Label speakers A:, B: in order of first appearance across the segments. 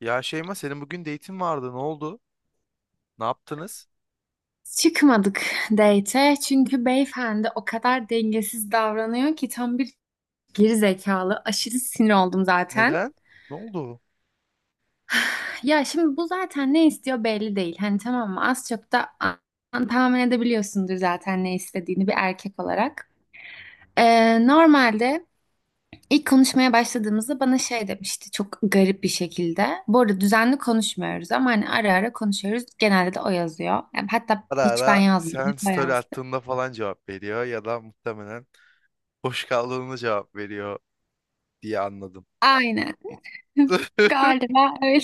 A: Ya Şeyma senin bugün date'in vardı. Ne oldu? Ne yaptınız?
B: Çıkmadık date'e çünkü beyefendi o kadar dengesiz davranıyor ki tam bir geri zekalı. Aşırı sinir oldum zaten.
A: Neden? Ne oldu?
B: Ya şimdi bu zaten ne istiyor belli değil. Hani tamam mı az çok da tahmin edebiliyorsundur zaten ne istediğini bir erkek olarak. Normalde ilk konuşmaya başladığımızda bana şey demişti çok garip bir şekilde. Bu arada düzenli konuşmuyoruz ama hani ara ara konuşuyoruz. Genelde de o yazıyor. Yani hatta
A: Ara
B: hiç ben
A: ara
B: yazmadım.
A: sen
B: O
A: story
B: yazdı.
A: attığında falan cevap veriyor ya da muhtemelen boş kaldığında cevap veriyor diye anladım.
B: Aynen. Galiba öyle.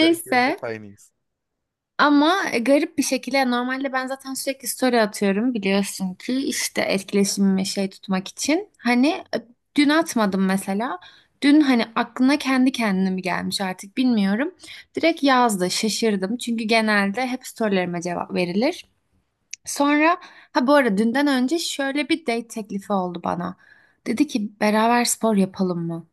A: Ya, hep aynıyız.
B: ama garip bir şekilde yani normalde ben zaten sürekli story atıyorum biliyorsun ki işte etkileşimimi şey tutmak için. Hani dün atmadım mesela. Dün hani aklına kendi kendine mi gelmiş artık bilmiyorum. Direkt yazdı şaşırdım çünkü genelde hep storylerime cevap verilir. Sonra ha bu arada dünden önce şöyle bir date teklifi oldu bana. Dedi ki beraber spor yapalım mı?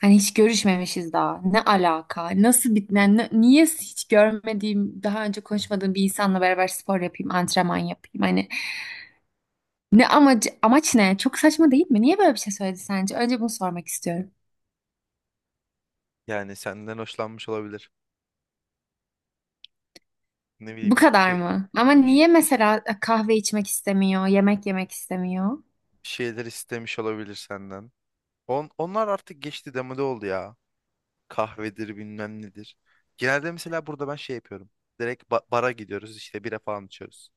B: Hani hiç görüşmemişiz daha. Ne alaka? Nasıl bitmen? Niye hiç görmediğim, daha önce konuşmadığım bir insanla beraber spor yapayım, antrenman yapayım? Hani ne amacı, amaç ne? Çok saçma değil mi? Niye böyle bir şey söyledi sence? Önce bunu sormak istiyorum.
A: Yani senden hoşlanmış olabilir. Ne
B: Bu
A: bileyim
B: kadar mı? Ama
A: bir,
B: niye
A: ş-
B: mesela kahve içmek istemiyor, yemek yemek istemiyor?
A: bir şeyler istemiş olabilir senden. Onlar artık geçti, demode oldu ya. Kahvedir bilmem nedir. Genelde mesela burada ben şey yapıyorum. Direkt bara gidiyoruz, işte bira falan içiyoruz.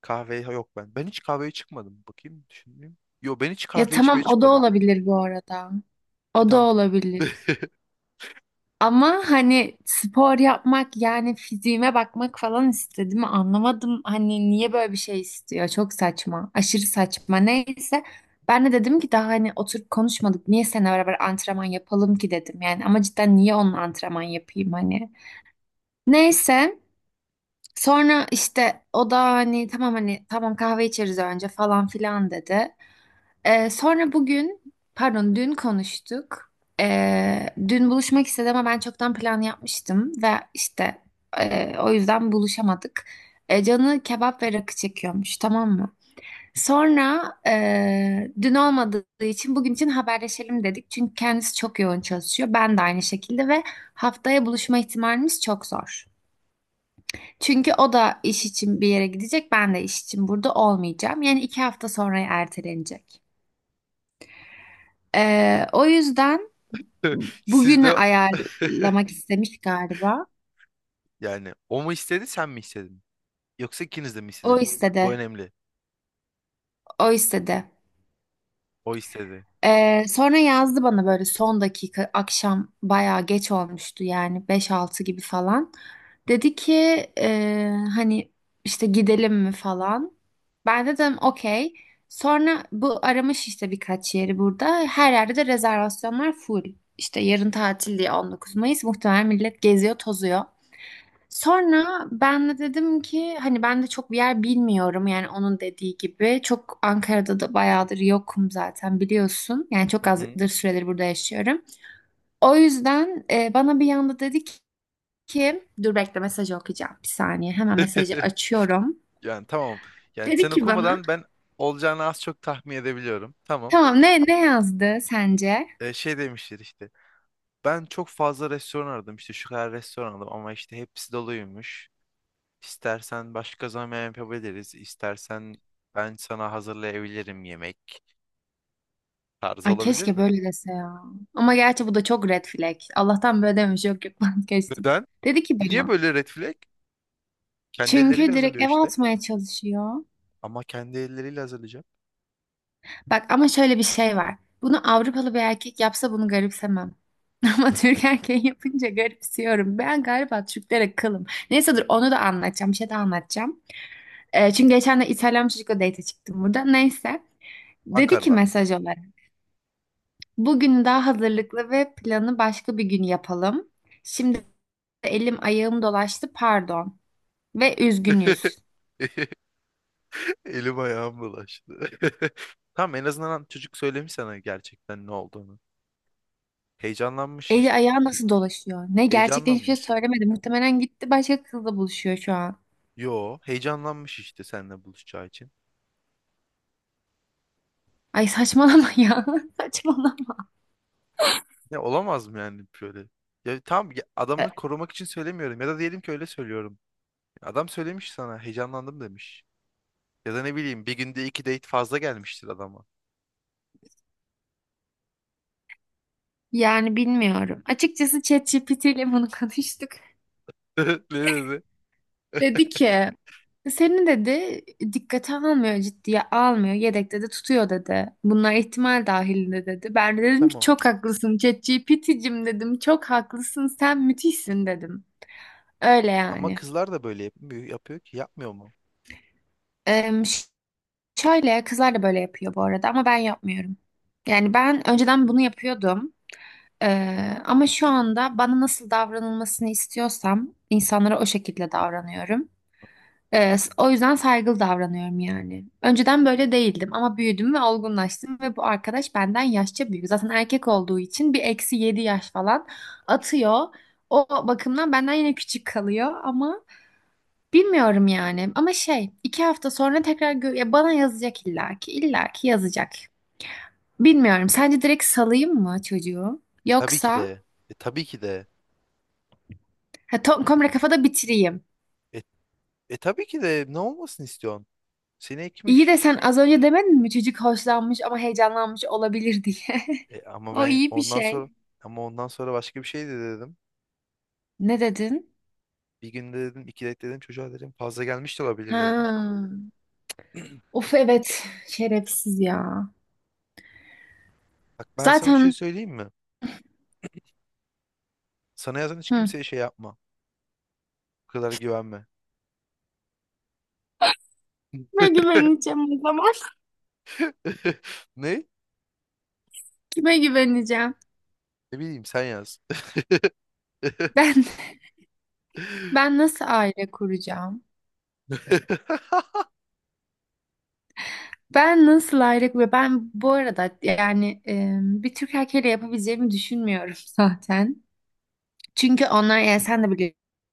A: Kahve yok ben. Ben hiç kahveye çıkmadım. Bakayım düşüneyim. Yo, ben hiç
B: Ya
A: kahve
B: tamam
A: içmeye
B: o da
A: çıkmadım.
B: olabilir bu arada.
A: E
B: O da
A: tam
B: olabilir. Ama hani spor yapmak yani fiziğime bakmak falan istedim. Anlamadım hani niye böyle bir şey istiyor. Çok saçma. Aşırı saçma. Neyse ben de dedim ki daha hani oturup konuşmadık. Niye seninle beraber antrenman yapalım ki dedim. Yani ama cidden niye onunla antrenman yapayım hani. Neyse sonra işte o da hani tamam hani tamam kahve içeriz önce falan filan dedi. Sonra bugün, pardon dün konuştuk. Dün buluşmak istedi ama ben çoktan plan yapmıştım ve işte o yüzden buluşamadık. E, canı kebap ve rakı çekiyormuş, tamam mı? Sonra dün olmadığı için bugün için haberleşelim dedik. Çünkü kendisi çok yoğun çalışıyor. Ben de aynı şekilde ve haftaya buluşma ihtimalimiz çok zor. Çünkü o da iş için bir yere gidecek, ben de iş için burada olmayacağım. Yani iki hafta sonra ertelenecek. O yüzden
A: Siz de,
B: bugünü ayarlamak istemiş galiba.
A: yani o mu istedi, sen mi istedin? Yoksa ikiniz de mi
B: O
A: istediniz? Bu
B: istedi.
A: önemli.
B: O istedi.
A: O istedi.
B: Sonra yazdı bana böyle son dakika akşam bayağı geç olmuştu yani beş altı gibi falan. Dedi ki hani işte gidelim mi falan. Ben dedim okey. Sonra bu aramış işte birkaç yeri burada. Her yerde de rezervasyonlar full. İşte yarın tatil diye 19 Mayıs muhtemelen millet geziyor tozuyor. Sonra ben de dedim ki hani ben de çok bir yer bilmiyorum yani onun dediği gibi. Çok Ankara'da da bayağıdır yokum zaten biliyorsun. Yani çok
A: Hı hı.
B: azdır süredir burada yaşıyorum. O yüzden bana bir yanda dedi ki dur bekle mesajı okuyacağım bir saniye. Hemen mesajı açıyorum.
A: Yani tamam. Yani
B: Dedi
A: sen
B: ki bana
A: okumadan ben olacağını az çok tahmin edebiliyorum. Tamam.
B: tamam ne yazdı sence?
A: Şey demiştir işte. Ben çok fazla restoran aradım, işte şu kadar restoran aradım ama işte hepsi doluymuş. İstersen başka zaman yapabiliriz. İstersen ben sana hazırlayabilirim yemek. Tarzı
B: Ay
A: olabilir
B: keşke
A: mi?
B: böyle dese ya. Ama gerçi bu da çok red flag. Allah'tan böyle dememiş yok yok ben
A: Neden?
B: dedi ki
A: Bu niye
B: bana
A: böyle red flag? Kendi elleriyle
B: çünkü direkt
A: hazırlıyor
B: eve
A: işte.
B: atmaya çalışıyor.
A: Ama kendi elleriyle hazırlayacak.
B: Bak ama şöyle bir şey var. Bunu Avrupalı bir erkek yapsa bunu garipsemem. Ama Türk erkeği yapınca garipsiyorum. Ben galiba Türklere kılım. Neyse dur onu da anlatacağım. Bir şey de anlatacağım. Çünkü geçen de İtalyan bir çocukla date çıktım burada. Neyse. Dedi ki
A: Ankara'da.
B: mesaj olarak. Bugün daha hazırlıklı ve planı başka bir gün yapalım. Şimdi elim ayağım dolaştı pardon. Ve üzgünüz.
A: Elim ayağım bulaştı. Tamam, en azından çocuk söylemiş sana gerçekten ne olduğunu. Heyecanlanmış
B: Eli
A: işte.
B: ayağı nasıl dolaşıyor? Ne gerçekten hiçbir şey
A: Heyecanlanmış.
B: söylemedi. Muhtemelen gitti başka kızla buluşuyor şu an.
A: Yo, heyecanlanmış işte seninle buluşacağı için.
B: Ay saçmalama ya. Saçmalama.
A: Ya olamaz mı yani böyle? Ya tamam, ya adamı korumak için söylemiyorum ya da diyelim ki öyle söylüyorum. Adam söylemiş sana, heyecanlandım demiş. Ya da ne bileyim, bir günde iki date fazla gelmiştir adama.
B: Yani bilmiyorum. Açıkçası ChatGPT ile bunu konuştuk.
A: Ne dedi?
B: Dedi ki seni dedi dikkate almıyor, ciddiye almıyor, yedekte de tutuyor dedi. Bunlar ihtimal dahilinde dedi. Ben de dedim ki
A: Tamam.
B: çok haklısın ChatGPT'cim dedim. Çok haklısın sen müthişsin dedim. Öyle
A: Ama
B: yani.
A: kızlar da böyle yapmıyor, yapıyor ki yapmıyor mu?
B: Em, ş- şöyle kızlar da böyle yapıyor bu arada ama ben yapmıyorum. Yani ben önceden bunu yapıyordum. Ama şu anda bana nasıl davranılmasını istiyorsam insanlara o şekilde davranıyorum. O yüzden saygılı davranıyorum yani. Önceden böyle değildim ama büyüdüm ve olgunlaştım ve bu arkadaş benden yaşça büyük. Zaten erkek olduğu için bir eksi 7 yaş falan atıyor. O bakımdan benden yine küçük kalıyor ama bilmiyorum yani. Ama şey iki hafta sonra tekrar ya bana yazacak illaki yazacak. Bilmiyorum. Sence direkt salayım mı çocuğu?
A: Tabii ki
B: Yoksa
A: de. Tabii ki de.
B: ha, tam komple kafada bitireyim.
A: E, tabii ki de, ne olmasını istiyorsun? Seni
B: İyi de
A: ekmiş.
B: sen az önce demedin mi çocuk hoşlanmış ama heyecanlanmış olabilir diye.
A: E, ama
B: O
A: ben
B: iyi bir
A: ondan sonra
B: şey.
A: Ama ondan sonra başka bir şey de dedim.
B: Ne dedin?
A: Bir günde dedim, iki date dedim çocuğa, dedim fazla gelmiş de olabilir dedim.
B: Ha. Of evet. Şerefsiz ya.
A: Bak, ben sana bir şey
B: Zaten
A: söyleyeyim mi? Sana yazan hiç
B: hı.
A: kimseye şey yapma. Bu kadar güvenme.
B: Kime güveneceğim o zaman?
A: Ne?
B: Kime güveneceğim?
A: Ne bileyim, sen yaz.
B: Ben Ben nasıl aile kuracağım? Ben nasıl aile kuracağım? Ben bu arada yani bir Türk erkeğiyle yapabileceğimi düşünmüyorum zaten. Çünkü onlar yani sen de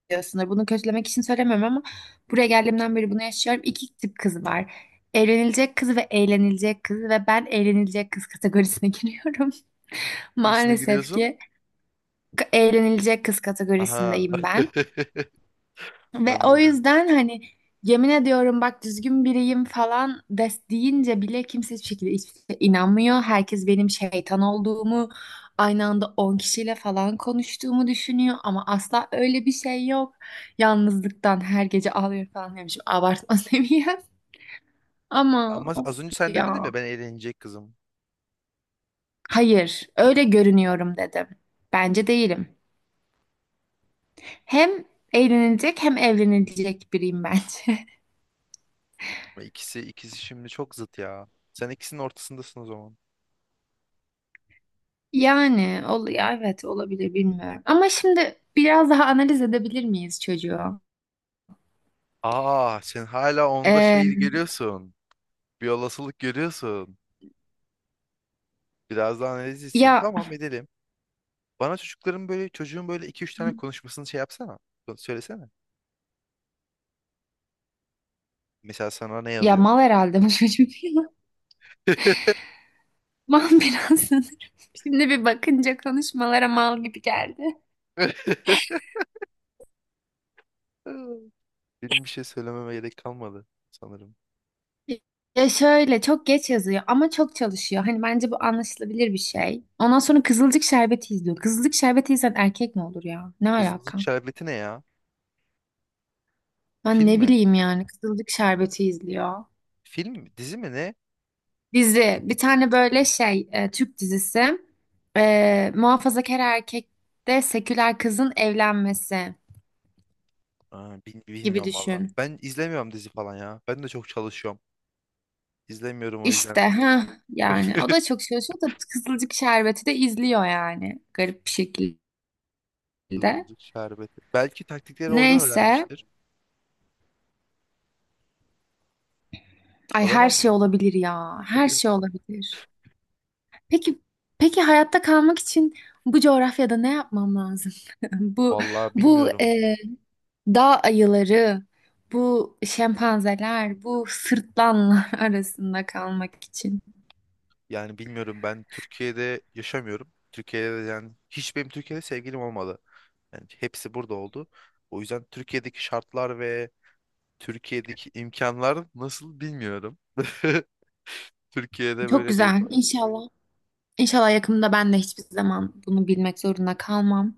B: biliyorsunlar. Bunu kötülemek için söylemiyorum ama buraya geldiğimden beri bunu yaşıyorum. İki tip kız var. Evlenilecek kız ve eğlenilecek kız ve ben eğlenilecek kız kategorisine giriyorum.
A: Hangisine
B: Maalesef
A: giriyorsun?
B: ki eğlenilecek kız
A: Aha.
B: kategorisindeyim ben. Ve o
A: Anladım.
B: yüzden hani yemin ediyorum bak düzgün biriyim falan des deyince bile kimse hiçbir şekilde hiçbir şeye inanmıyor. Herkes benim şeytan olduğumu, aynı anda 10 kişiyle falan konuştuğumu düşünüyor ama asla öyle bir şey yok. Yalnızlıktan her gece ağlıyor falan demişim. Abartma seviyem. Ama
A: Ama
B: of
A: az önce sen demedin
B: ya.
A: mi ben eğlenecek kızım.
B: Hayır, öyle görünüyorum dedim. Bence değilim. Hem eğlenilecek hem evlenilecek biriyim bence.
A: İkisi şimdi çok zıt ya. Sen ikisinin ortasındasın o zaman.
B: Yani ol ya evet olabilir bilmiyorum. Ama şimdi biraz daha analiz edebilir miyiz çocuğu?
A: Aa, sen hala onda şey
B: Ee,
A: görüyorsun. Bir olasılık görüyorsun. Biraz daha analizlisin.
B: ya
A: Tamam, edelim. Bana çocukların böyle çocuğun böyle iki üç tane konuşmasını şey yapsana. Söylesene. Mesela sana ne
B: ya
A: yazıyor?
B: mal herhalde bu çocuk. Mal biraz sanırım. Şimdi bir bakınca konuşmalara mal gibi geldi.
A: Benim bir şey söylememe gerek kalmadı sanırım.
B: Ya şöyle çok geç yazıyor ama çok çalışıyor. Hani bence bu anlaşılabilir bir şey. Ondan sonra Kızılcık Şerbeti izliyor. Kızılcık Şerbeti izleyen erkek mi olur ya? Ne
A: Hızlı Hızlı
B: alaka?
A: Şerbeti ne ya?
B: Ben
A: Film
B: ne
A: mi?
B: bileyim yani Kızılcık Şerbeti izliyor.
A: Film mi, dizi mi, ne?
B: Dizi. Bir tane böyle şey Türk dizisi. Muhafazakar erkekte seküler kızın evlenmesi
A: Aa,
B: gibi
A: bilmiyorum valla.
B: düşün.
A: Ben izlemiyorum dizi falan ya. Ben de çok çalışıyorum. İzlemiyorum o yüzden.
B: İşte ha yani o da çok çalışıyor da Kızılcık Şerbeti de izliyor yani garip bir şekilde.
A: Kızılcık şerbeti. Belki taktikleri oradan
B: Neyse.
A: öğrenmiştir.
B: Ay her
A: Olamaz
B: şey
A: mı?
B: olabilir ya. Her şey olabilir. Peki, peki hayatta kalmak için bu coğrafyada ne yapmam lazım? Bu
A: Vallahi
B: Bu
A: bilmiyorum.
B: dağ ayıları, bu şempanzeler, bu sırtlanlar arasında kalmak için.
A: Yani bilmiyorum, ben Türkiye'de yaşamıyorum. Türkiye'de de yani hiç benim Türkiye'de sevgilim olmadı. Yani hepsi burada oldu. O yüzden Türkiye'deki şartlar ve Türkiye'deki imkanlar nasıl bilmiyorum. Türkiye'de
B: Çok
A: böyle değil.
B: güzel. İnşallah. İnşallah yakında ben de hiçbir zaman bunu bilmek zorunda kalmam.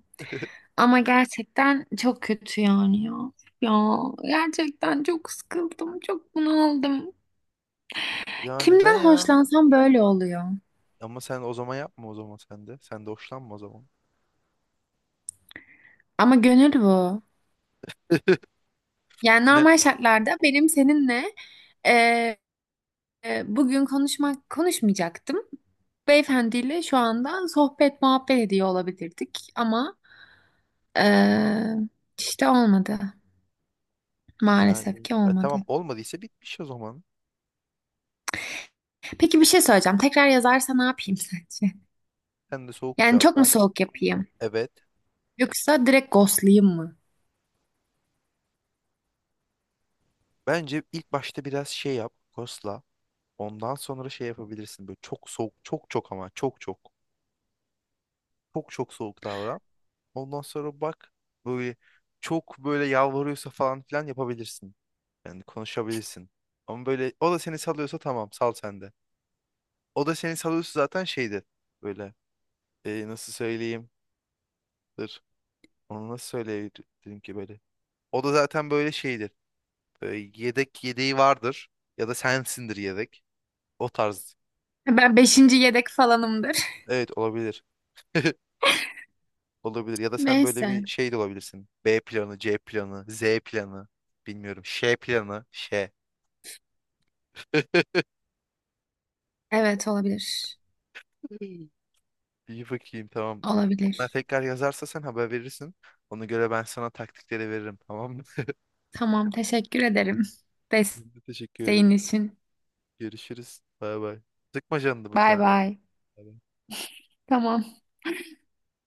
B: Ama gerçekten çok kötü yani ya. Ya gerçekten çok sıkıldım, çok bunaldım.
A: Ya neden
B: Kimden
A: ya?
B: hoşlansam böyle oluyor.
A: Ama sen o zaman yapma o zaman, sen de. Sen de hoşlanma o zaman.
B: Ama gönül bu. Yani
A: Ne?
B: normal şartlarda benim seninle e, bugün konuşmak konuşmayacaktım. Beyefendiyle şu anda sohbet muhabbet ediyor olabilirdik ama e, işte olmadı. Maalesef
A: Yani
B: ki
A: tamam,
B: olmadı.
A: olmadıysa bitmiş o zaman.
B: Peki bir şey söyleyeceğim. Tekrar yazarsa ne yapayım sence?
A: Sen de soğuk
B: Yani
A: cevap
B: çok mu
A: ver.
B: soğuk yapayım?
A: Evet.
B: Yoksa direkt ghostlayayım mı?
A: Bence ilk başta biraz şey yap. Kosla. Ondan sonra şey yapabilirsin. Böyle çok soğuk. Çok çok ama çok çok. Çok çok soğuk davran. Ondan sonra bak, böyle çok böyle yalvarıyorsa falan filan yapabilirsin. Yani konuşabilirsin. Ama böyle o da seni salıyorsa tamam, sal sen de. O da seni salıyorsa zaten şeydir. Böyle nasıl söyleyeyim? Onu nasıl söyleyebilirim ki böyle? O da zaten böyle şeydir. Böyle yedek yedeği vardır. Ya da sensindir yedek. O tarz.
B: Ben beşinci yedek falanımdır.
A: Evet, olabilir. Olabilir. Ya da sen böyle
B: Neyse.
A: bir şey de olabilirsin. B planı, C planı, Z planı. Bilmiyorum. Ş planı. Ş.
B: Evet olabilir.
A: İyi, bakayım tamam. Bana
B: Olabilir.
A: tekrar yazarsa sen haber verirsin. Ona göre ben sana taktikleri veririm, tamam mı?
B: Tamam teşekkür ederim.
A: Ben de teşekkür
B: Desteğin
A: ederim.
B: için.
A: Görüşürüz. Bay bay. Sıkma canını bu
B: Bay
A: konu.
B: bay.
A: Bay bay.
B: Tamam.